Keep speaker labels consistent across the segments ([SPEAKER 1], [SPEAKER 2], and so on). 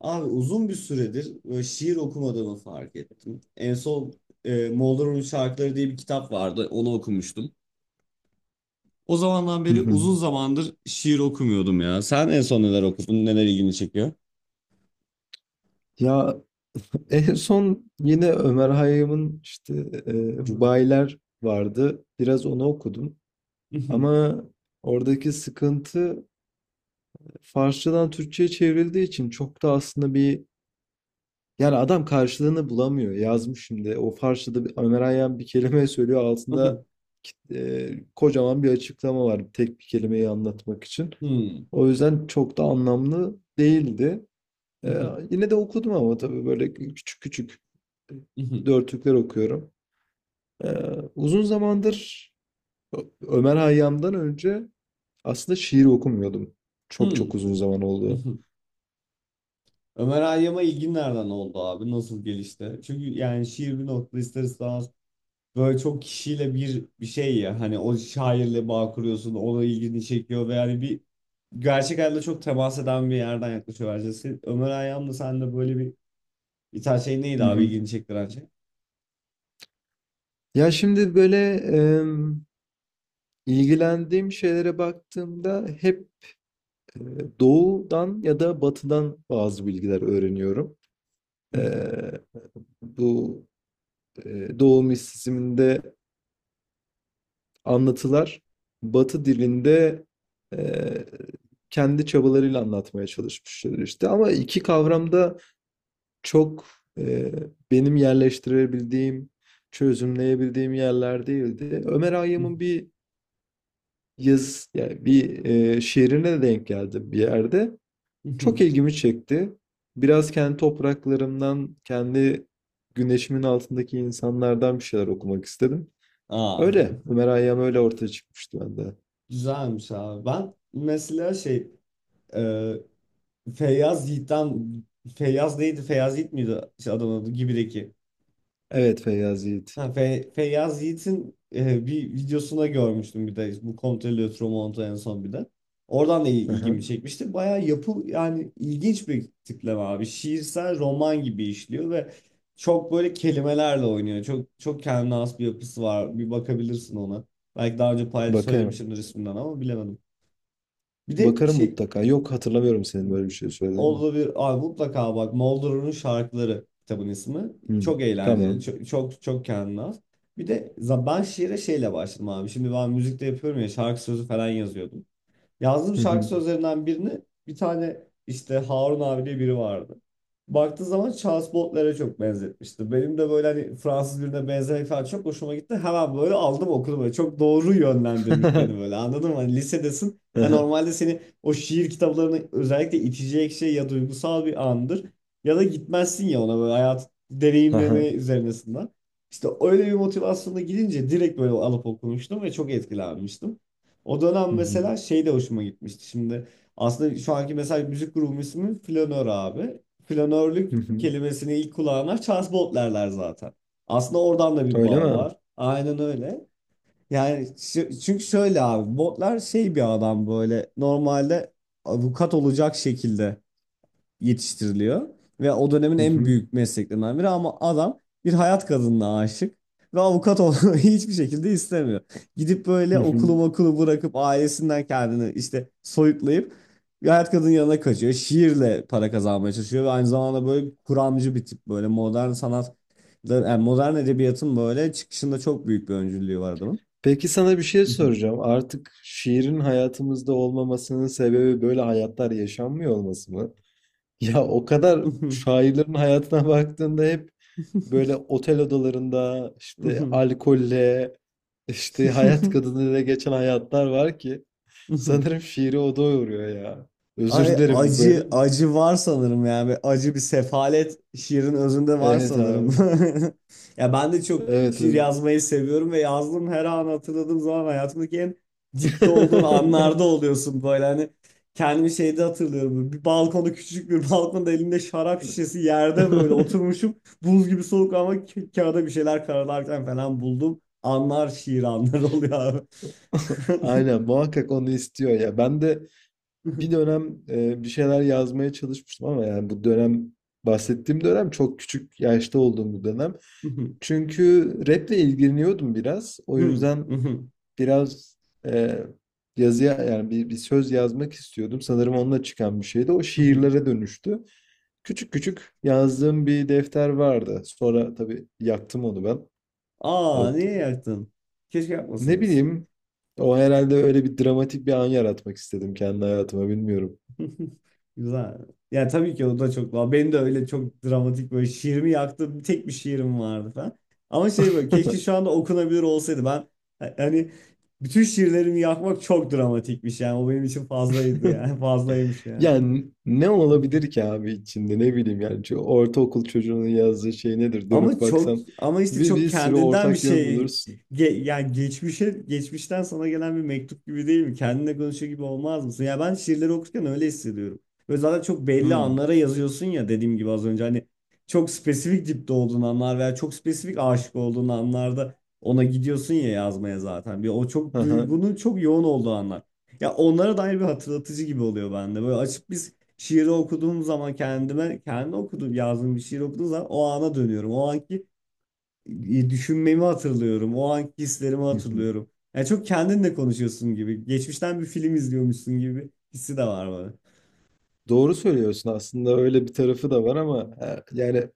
[SPEAKER 1] Abi uzun bir süredir böyle şiir okumadığımı fark ettim. En son Moğolların Şarkıları diye bir kitap vardı. Onu okumuştum. O zamandan
[SPEAKER 2] Hı
[SPEAKER 1] beri
[SPEAKER 2] hı.
[SPEAKER 1] uzun zamandır şiir okumuyordum ya. Sen en son neler okudun? Neler ilgini çekiyor?
[SPEAKER 2] Ya en son yine Ömer Hayyam'ın işte e, Rubailer vardı. Biraz onu okudum. Ama oradaki sıkıntı, Farsçadan Türkçe'ye çevrildiği için çok da aslında yani adam karşılığını bulamıyor. Yazmış şimdi. O Farsçada bir, Ömer Hayyam bir kelime söylüyor. Altında e, kocaman bir açıklama var. Tek bir kelimeyi anlatmak için. O yüzden çok da anlamlı değildi. Yine de okudum ama tabii böyle küçük küçük dörtlükler okuyorum. Uzun zamandır Ömer Hayyam'dan önce aslında şiir okumuyordum. Çok çok uzun zaman oldu.
[SPEAKER 1] Ömer Hayyam'a ilgin nereden oldu abi? Nasıl gelişti? Çünkü yani şiir bir nokta ister istemez böyle çok kişiyle bir şey ya, hani o şairle bağ kuruyorsun, ona ilgini çekiyor ve yani bir gerçek hayatta çok temas eden bir yerden yaklaşıyor bence. Ömer Hayyam da sende böyle bir tane şey neydi
[SPEAKER 2] Hı
[SPEAKER 1] abi
[SPEAKER 2] hı.
[SPEAKER 1] ilgini çektiren şey?
[SPEAKER 2] Ya şimdi böyle ilgilendiğim şeylere baktığımda hep e, doğudan ya da batıdan bazı bilgiler öğreniyorum. Eee, Bu doğu mistisizminde anlatılar, Batı dilinde eee, kendi çabalarıyla anlatmaya çalışmışlar işte. Ama iki kavramda çok eee, benim yerleştirebildiğim, çözümleyebildiğim yerler değildi. Ömer Hayyam'ın bir yani bir şiirine denk geldim bir yerde. Çok ilgimi çekti. Biraz kendi topraklarımdan, kendi güneşimin altındaki insanlardan bir şeyler okumak istedim.
[SPEAKER 1] Aa,
[SPEAKER 2] Öyle. Ömer Hayyam öyle ortaya çıkmıştı bende.
[SPEAKER 1] güzelmiş abi. Ben mesela şey, e, Feyyaz Yiğit'ten. Feyyaz neydi? Feyyaz Yiğit miydi şey, adamın adı? Gibi'deki.
[SPEAKER 2] Evet, Feyyaz Yiğit.
[SPEAKER 1] Ha, Feyyaz Yiğit'in bir videosuna görmüştüm, bir de bu Kontrol Ötürü en son bir de. Oradan da
[SPEAKER 2] Hı.
[SPEAKER 1] ilgimi çekmişti. Bayağı yapı, yani ilginç bir tipleme abi. Şiirsel roman gibi işliyor ve çok böyle kelimelerle oynuyor. Çok çok kendine has bir yapısı var. Bir bakabilirsin ona. Belki daha önce pay
[SPEAKER 2] Bakarım.
[SPEAKER 1] söylemişimdir isminden ama bilemedim. Bir de
[SPEAKER 2] Bakarım
[SPEAKER 1] şey,
[SPEAKER 2] mutlaka. Yok, hatırlamıyorum senin böyle bir şey söylediğini.
[SPEAKER 1] olabilir. Abi mutlaka bak, Moldor'un şarkıları kitabın ismi.
[SPEAKER 2] Hı.
[SPEAKER 1] Çok eğlenceli.
[SPEAKER 2] Tamam.
[SPEAKER 1] Çok çok, çok kendine has. Bir de ben şiire şeyle başladım abi. Şimdi ben müzikte yapıyorum ya, şarkı sözü falan yazıyordum. Yazdığım
[SPEAKER 2] Hı
[SPEAKER 1] şarkı
[SPEAKER 2] hı.
[SPEAKER 1] sözlerinden birini, bir tane işte Harun abi diye biri vardı. Baktığı zaman Charles Baudelaire çok benzetmişti. Benim de böyle hani Fransız birine benzemek falan çok hoşuma gitti. Hemen böyle aldım okudum. Böyle çok doğru yönlendirmiş beni böyle, anladın mı? Hani lisedesin. Ha,
[SPEAKER 2] Hı.
[SPEAKER 1] normalde seni o şiir kitaplarını özellikle itecek şey ya duygusal bir andır. Ya da gitmezsin ya ona böyle hayat deneyimleme
[SPEAKER 2] Aha.
[SPEAKER 1] üzerinesinden. İşte öyle bir motivasyonla gidince direkt böyle alıp okumuştum ve çok etkilenmiştim. O dönem
[SPEAKER 2] Hı hı.
[SPEAKER 1] mesela şey de hoşuma gitmişti. Şimdi aslında şu anki mesela müzik grubum ismi Flanör abi.
[SPEAKER 2] Hı
[SPEAKER 1] Flanörlük
[SPEAKER 2] hı.
[SPEAKER 1] kelimesini ilk kulağına Charles Baudelaire zaten. Aslında oradan da bir
[SPEAKER 2] Öyle
[SPEAKER 1] bağ
[SPEAKER 2] mi?
[SPEAKER 1] var. Aynen öyle. Yani şu- çünkü şöyle abi, Baudelaire şey bir adam böyle normalde avukat olacak şekilde yetiştiriliyor. Ve o dönemin
[SPEAKER 2] Hı
[SPEAKER 1] en
[SPEAKER 2] hı.
[SPEAKER 1] büyük mesleklerinden biri, ama adam bir hayat kadınına aşık. Ve avukat olmayı hiçbir şekilde istemiyor. Gidip böyle
[SPEAKER 2] Hı hı.
[SPEAKER 1] okulu bırakıp ailesinden kendini işte soyutlayıp bir hayat kadının yanına kaçıyor. Şiirle para kazanmaya çalışıyor ve aynı zamanda böyle kuramcı bir tip, böyle modern sanat, yani modern edebiyatın böyle çıkışında çok büyük bir öncülüğü var adamın.
[SPEAKER 2] Peki sana bir şey soracağım. Artık şiirin hayatımızda olmamasının sebebi böyle hayatlar yaşanmıyor olması mı? Ya o kadar şairlerin hayatına baktığında hep böyle otel odalarında işte alkolle, işte hayat kadınıyla geçen hayatlar var ki sanırım şiiri o doyuruyor ya.
[SPEAKER 1] Ay,
[SPEAKER 2] Özür dilerim, bu böyle
[SPEAKER 1] acı
[SPEAKER 2] mi?
[SPEAKER 1] acı var sanırım yani. Ve acı bir sefalet şiirin özünde var
[SPEAKER 2] Evet
[SPEAKER 1] sanırım.
[SPEAKER 2] abi.
[SPEAKER 1] Ya ben de çok
[SPEAKER 2] Evet
[SPEAKER 1] şiir
[SPEAKER 2] evet.
[SPEAKER 1] yazmayı seviyorum ve yazdığım her an, hatırladığım zaman, hayatımdaki en dipte olduğun anlarda oluyorsun böyle, hani kendimi şeyde hatırlıyorum. Böyle bir balkonda, küçük bir balkonda, elimde şarap şişesi, yerde böyle oturmuşum. Buz gibi soğuk ama kağıda bir şeyler karalarken falan buldum. Anlar şiir, anlar oluyor abi.
[SPEAKER 2] Aynen, muhakkak onu istiyor ya. Ben de bir dönem bir şeyler yazmaya çalışmıştım ama yani bu dönem, bahsettiğim dönem çok küçük yaşta olduğum bir dönem. Çünkü raple ilgileniyordum biraz. O yüzden biraz e, yazıya, yani bir söz yazmak istiyordum. Sanırım onunla çıkan bir şeydi. O şiirlere dönüştü. Küçük küçük yazdığım bir defter vardı. Sonra tabii yaktım onu ben.
[SPEAKER 1] Aa,
[SPEAKER 2] O, t-
[SPEAKER 1] niye yaktın? Keşke
[SPEAKER 2] Ne
[SPEAKER 1] yakmasaydınız.
[SPEAKER 2] bileyim, o herhalde, öyle bir dramatik bir an yaratmak istedim kendi hayatıma, bilmiyorum.
[SPEAKER 1] Güzel. Ya tabii ki o da çok daha. Benim de öyle çok dramatik böyle şiirimi yaktım. Tek bir şiirim vardı falan. Ama şey, böyle keşke şu anda okunabilir olsaydı. Ben hani bütün şiirlerimi yakmak çok dramatikmiş yani. O benim için fazlaydı yani. Fazlaymış yani.
[SPEAKER 2] Yani ne olabilir ki abi içinde, ne bileyim yani, çünkü ortaokul çocuğunun yazdığı şey nedir dönüp
[SPEAKER 1] Ama çok,
[SPEAKER 2] baksan,
[SPEAKER 1] ama işte
[SPEAKER 2] bir,
[SPEAKER 1] çok
[SPEAKER 2] bir sürü
[SPEAKER 1] kendinden bir
[SPEAKER 2] ortak yön
[SPEAKER 1] şey.
[SPEAKER 2] bulursun.
[SPEAKER 1] Yani geçmişe, geçmişten sana gelen bir mektup gibi değil mi? Kendinle konuşuyor gibi olmaz mısın? Ya, ben şiirleri okurken öyle hissediyorum. Ve zaten çok belli
[SPEAKER 2] Hmm.
[SPEAKER 1] anlara yazıyorsun ya, dediğim gibi az önce, hani çok spesifik dipte olduğun anlar veya çok spesifik aşık olduğun anlarda ona gidiyorsun ya yazmaya zaten. Bir o çok
[SPEAKER 2] Aha,
[SPEAKER 1] duygunun çok yoğun olduğu anlar. Ya, onlara dair bir hatırlatıcı gibi oluyor bende. Böyle açıp bir şiiri okuduğum zaman, kendime kendi okuduğum, yazdığım bir şiir okuduğum zaman o ana dönüyorum. O anki düşünmemi hatırlıyorum. O anki hislerimi
[SPEAKER 2] hı hı.
[SPEAKER 1] hatırlıyorum. Yani çok kendinle konuşuyorsun gibi. Geçmişten bir film izliyormuşsun gibi hissi de var bana.
[SPEAKER 2] Doğru söylüyorsun, aslında öyle bir tarafı da var ama yani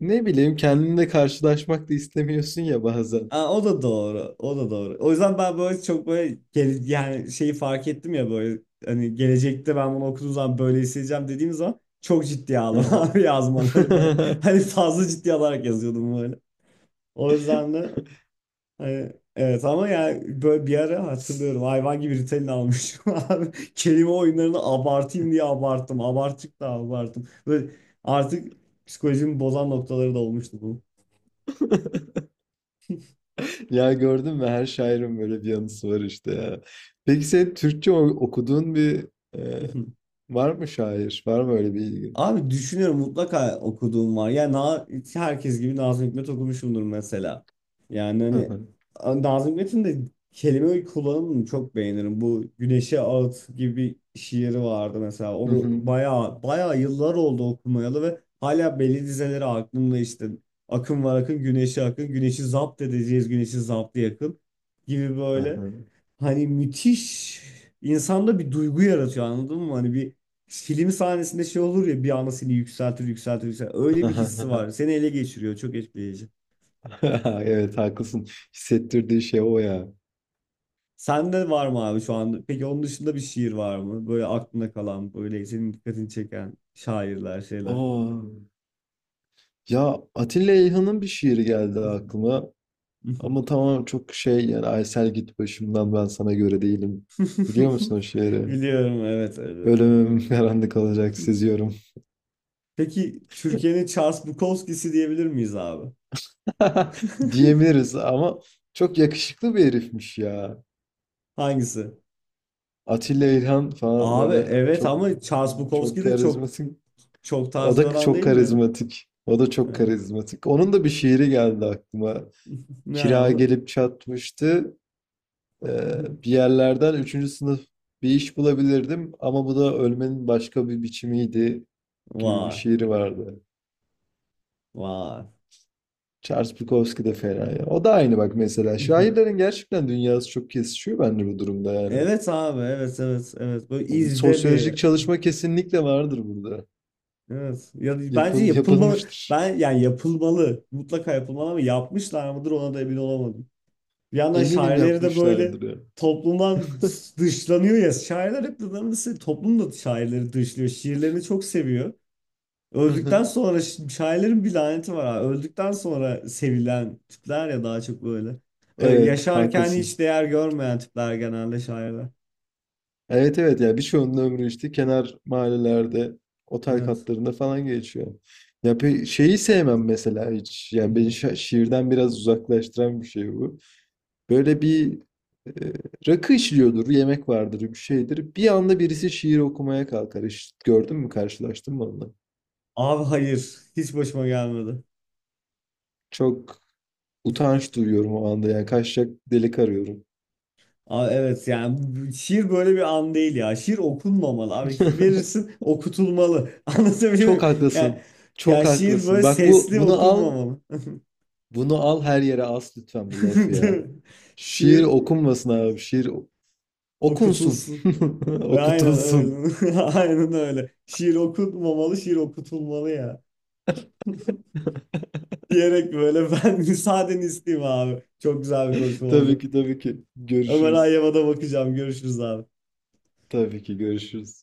[SPEAKER 2] ne bileyim, kendinle karşılaşmak da istemiyorsun ya bazen.
[SPEAKER 1] Aa, o da doğru. O da doğru. O yüzden ben böyle çok böyle yani şeyi fark ettim ya böyle, hani gelecekte ben bunu okuduğum zaman böyle hissedeceğim dediğim zaman çok ciddiye aldım
[SPEAKER 2] Aha.
[SPEAKER 1] abi yazmaları böyle. Hani fazla ciddi alarak yazıyordum böyle. O yüzden de hani, evet, ama yani böyle bir ara hatırlıyorum, hayvan gibi Ritalin almışım abi. Kelime oyunlarını abartayım diye abarttım. Abarttık da abarttım. Böyle artık psikolojimi bozan noktaları da olmuştu bu.
[SPEAKER 2] Ya gördün mü, her şairin böyle bir yanısı var işte ya. Peki sen Türkçe okuduğun bir e, var mı şair? Var mı öyle bir ilgin?
[SPEAKER 1] Abi düşünüyorum, mutlaka okuduğum var. Yani herkes gibi Nazım Hikmet okumuşumdur mesela. Yani
[SPEAKER 2] Hı
[SPEAKER 1] hani
[SPEAKER 2] hı.
[SPEAKER 1] Nazım Hikmet'in de kelime kullanımını çok beğenirim. Bu Güneşe Ağıt gibi bir şiiri vardı mesela.
[SPEAKER 2] Hı
[SPEAKER 1] Onu
[SPEAKER 2] hı.
[SPEAKER 1] bayağı bayağı yıllar oldu okumayalı ve hala belli dizeleri aklımda işte. Akın var akın, güneşe akın, güneşi zapt edeceğiz, güneşi zaptı yakın gibi
[SPEAKER 2] Hı
[SPEAKER 1] böyle.
[SPEAKER 2] hı.
[SPEAKER 1] Hani müthiş, insanda bir duygu yaratıyor, anladın mı? Hani bir film sahnesinde şey olur ya, bir anda seni yükseltir yükseltir yükseltir.
[SPEAKER 2] Hı
[SPEAKER 1] Öyle bir hissi
[SPEAKER 2] hı.
[SPEAKER 1] var. Seni ele geçiriyor. Çok etkileyici.
[SPEAKER 2] Evet haklısın. Hissettirdiği şey o ya.
[SPEAKER 1] Sende var mı abi şu anda? Peki onun dışında bir şiir var mı? Böyle aklına kalan, böyle senin dikkatini çeken şairler, şeyler.
[SPEAKER 2] Oo. Ya Atilla İlhan'ın bir şiiri geldi aklıma. Ama tamam çok şey, yani "Aysel git başımdan ben sana göre değilim." Biliyor musun o şiiri?
[SPEAKER 1] Biliyorum, evet, elbette.
[SPEAKER 2] "Ölümüm karanlık olacak seziyorum."
[SPEAKER 1] Peki Türkiye'nin Charles Bukowski'si diyebilir miyiz abi?
[SPEAKER 2] Diyebiliriz ama çok yakışıklı bir herifmiş ya.
[SPEAKER 1] Hangisi?
[SPEAKER 2] Atilla İlhan falan,
[SPEAKER 1] Abi
[SPEAKER 2] böyle
[SPEAKER 1] evet,
[SPEAKER 2] çok,
[SPEAKER 1] ama Charles
[SPEAKER 2] çok
[SPEAKER 1] Bukowski de çok,
[SPEAKER 2] karizması.
[SPEAKER 1] çok
[SPEAKER 2] O
[SPEAKER 1] tarz bir
[SPEAKER 2] da
[SPEAKER 1] adam
[SPEAKER 2] çok
[SPEAKER 1] değil mi ya?
[SPEAKER 2] karizmatik. O da çok
[SPEAKER 1] Evet.
[SPEAKER 2] karizmatik. Onun da bir şiiri geldi aklıma.
[SPEAKER 1] Ne
[SPEAKER 2] "Kira
[SPEAKER 1] abi?
[SPEAKER 2] gelip çatmıştı. Bir yerlerden üçüncü sınıf bir iş bulabilirdim ama bu da ölmenin başka bir biçimiydi" gibi bir
[SPEAKER 1] Vay.
[SPEAKER 2] şiiri vardı.
[SPEAKER 1] Vay.
[SPEAKER 2] Charles Bukowski de fena ya. O da aynı bak mesela. Şairlerin gerçekten dünyası çok kesişiyor bence bu durumda yani.
[SPEAKER 1] Evet abi, evet evet evet, böyle
[SPEAKER 2] Yani bir
[SPEAKER 1] izbe bir.
[SPEAKER 2] sosyolojik çalışma kesinlikle vardır burada.
[SPEAKER 1] Evet ya, bence yapılmalı,
[SPEAKER 2] Yapılmıştır.
[SPEAKER 1] ben yani yapılmalı, mutlaka yapılmalı, ama yapmışlar mıdır, ona da emin olamadım. Bir yandan
[SPEAKER 2] Eminim
[SPEAKER 1] şairleri de böyle
[SPEAKER 2] yapmışlardır ya.
[SPEAKER 1] toplumdan dışlanıyor ya şairler, hep nedense toplum da şairleri dışlıyor, şiirlerini çok seviyor. Öldükten sonra şairlerin bir laneti var abi. Öldükten sonra sevilen tipler ya, daha çok böyle.
[SPEAKER 2] Evet,
[SPEAKER 1] Yaşarken
[SPEAKER 2] haklısın.
[SPEAKER 1] hiç değer görmeyen tipler genelde şairler.
[SPEAKER 2] Evet evet, ya birçoğunun ömrü işte kenar mahallelerde, otel
[SPEAKER 1] Evet.
[SPEAKER 2] katlarında falan geçiyor. Ya pe şeyi sevmem mesela hiç. Yani beni şiirden biraz uzaklaştıran bir şey bu. Böyle bir e, rakı içiliyordur, yemek vardır, bir şeydir. Bir anda birisi şiir okumaya kalkar. Hiç gördün mü, karşılaştın mı onunla?
[SPEAKER 1] Abi hayır. Hiç başıma gelmedi.
[SPEAKER 2] Çok utanç duyuyorum o anda. Yani kaçacak delik arıyorum.
[SPEAKER 1] Abi evet yani şiir böyle bir an değil ya. Şiir okunmamalı abi. Verirsin, okutulmalı. Anlatabiliyor
[SPEAKER 2] Çok
[SPEAKER 1] muyum? Yani,
[SPEAKER 2] haklısın.
[SPEAKER 1] ya
[SPEAKER 2] Çok
[SPEAKER 1] şiir böyle
[SPEAKER 2] haklısın. Bak bu,
[SPEAKER 1] sesli
[SPEAKER 2] bunu al.
[SPEAKER 1] okunmamalı.
[SPEAKER 2] Bunu al, her yere as lütfen bu lafı
[SPEAKER 1] Değil
[SPEAKER 2] ya.
[SPEAKER 1] mi?
[SPEAKER 2] Şiir
[SPEAKER 1] Şiir
[SPEAKER 2] okunmasın abi. Şiir okunsun.
[SPEAKER 1] okutulsun. Aynen
[SPEAKER 2] Okutulsun.
[SPEAKER 1] öyle. Aynen öyle. Şiir okunmamalı, şiir okutulmalı ya. Diyerek böyle ben müsaadeni isteyeyim abi. Çok güzel bir konuşma
[SPEAKER 2] Tabii
[SPEAKER 1] oldu.
[SPEAKER 2] ki, tabii ki.
[SPEAKER 1] Ömer
[SPEAKER 2] Görüşürüz.
[SPEAKER 1] Hayyam'a da bakacağım. Görüşürüz abi.
[SPEAKER 2] Tabii ki görüşürüz.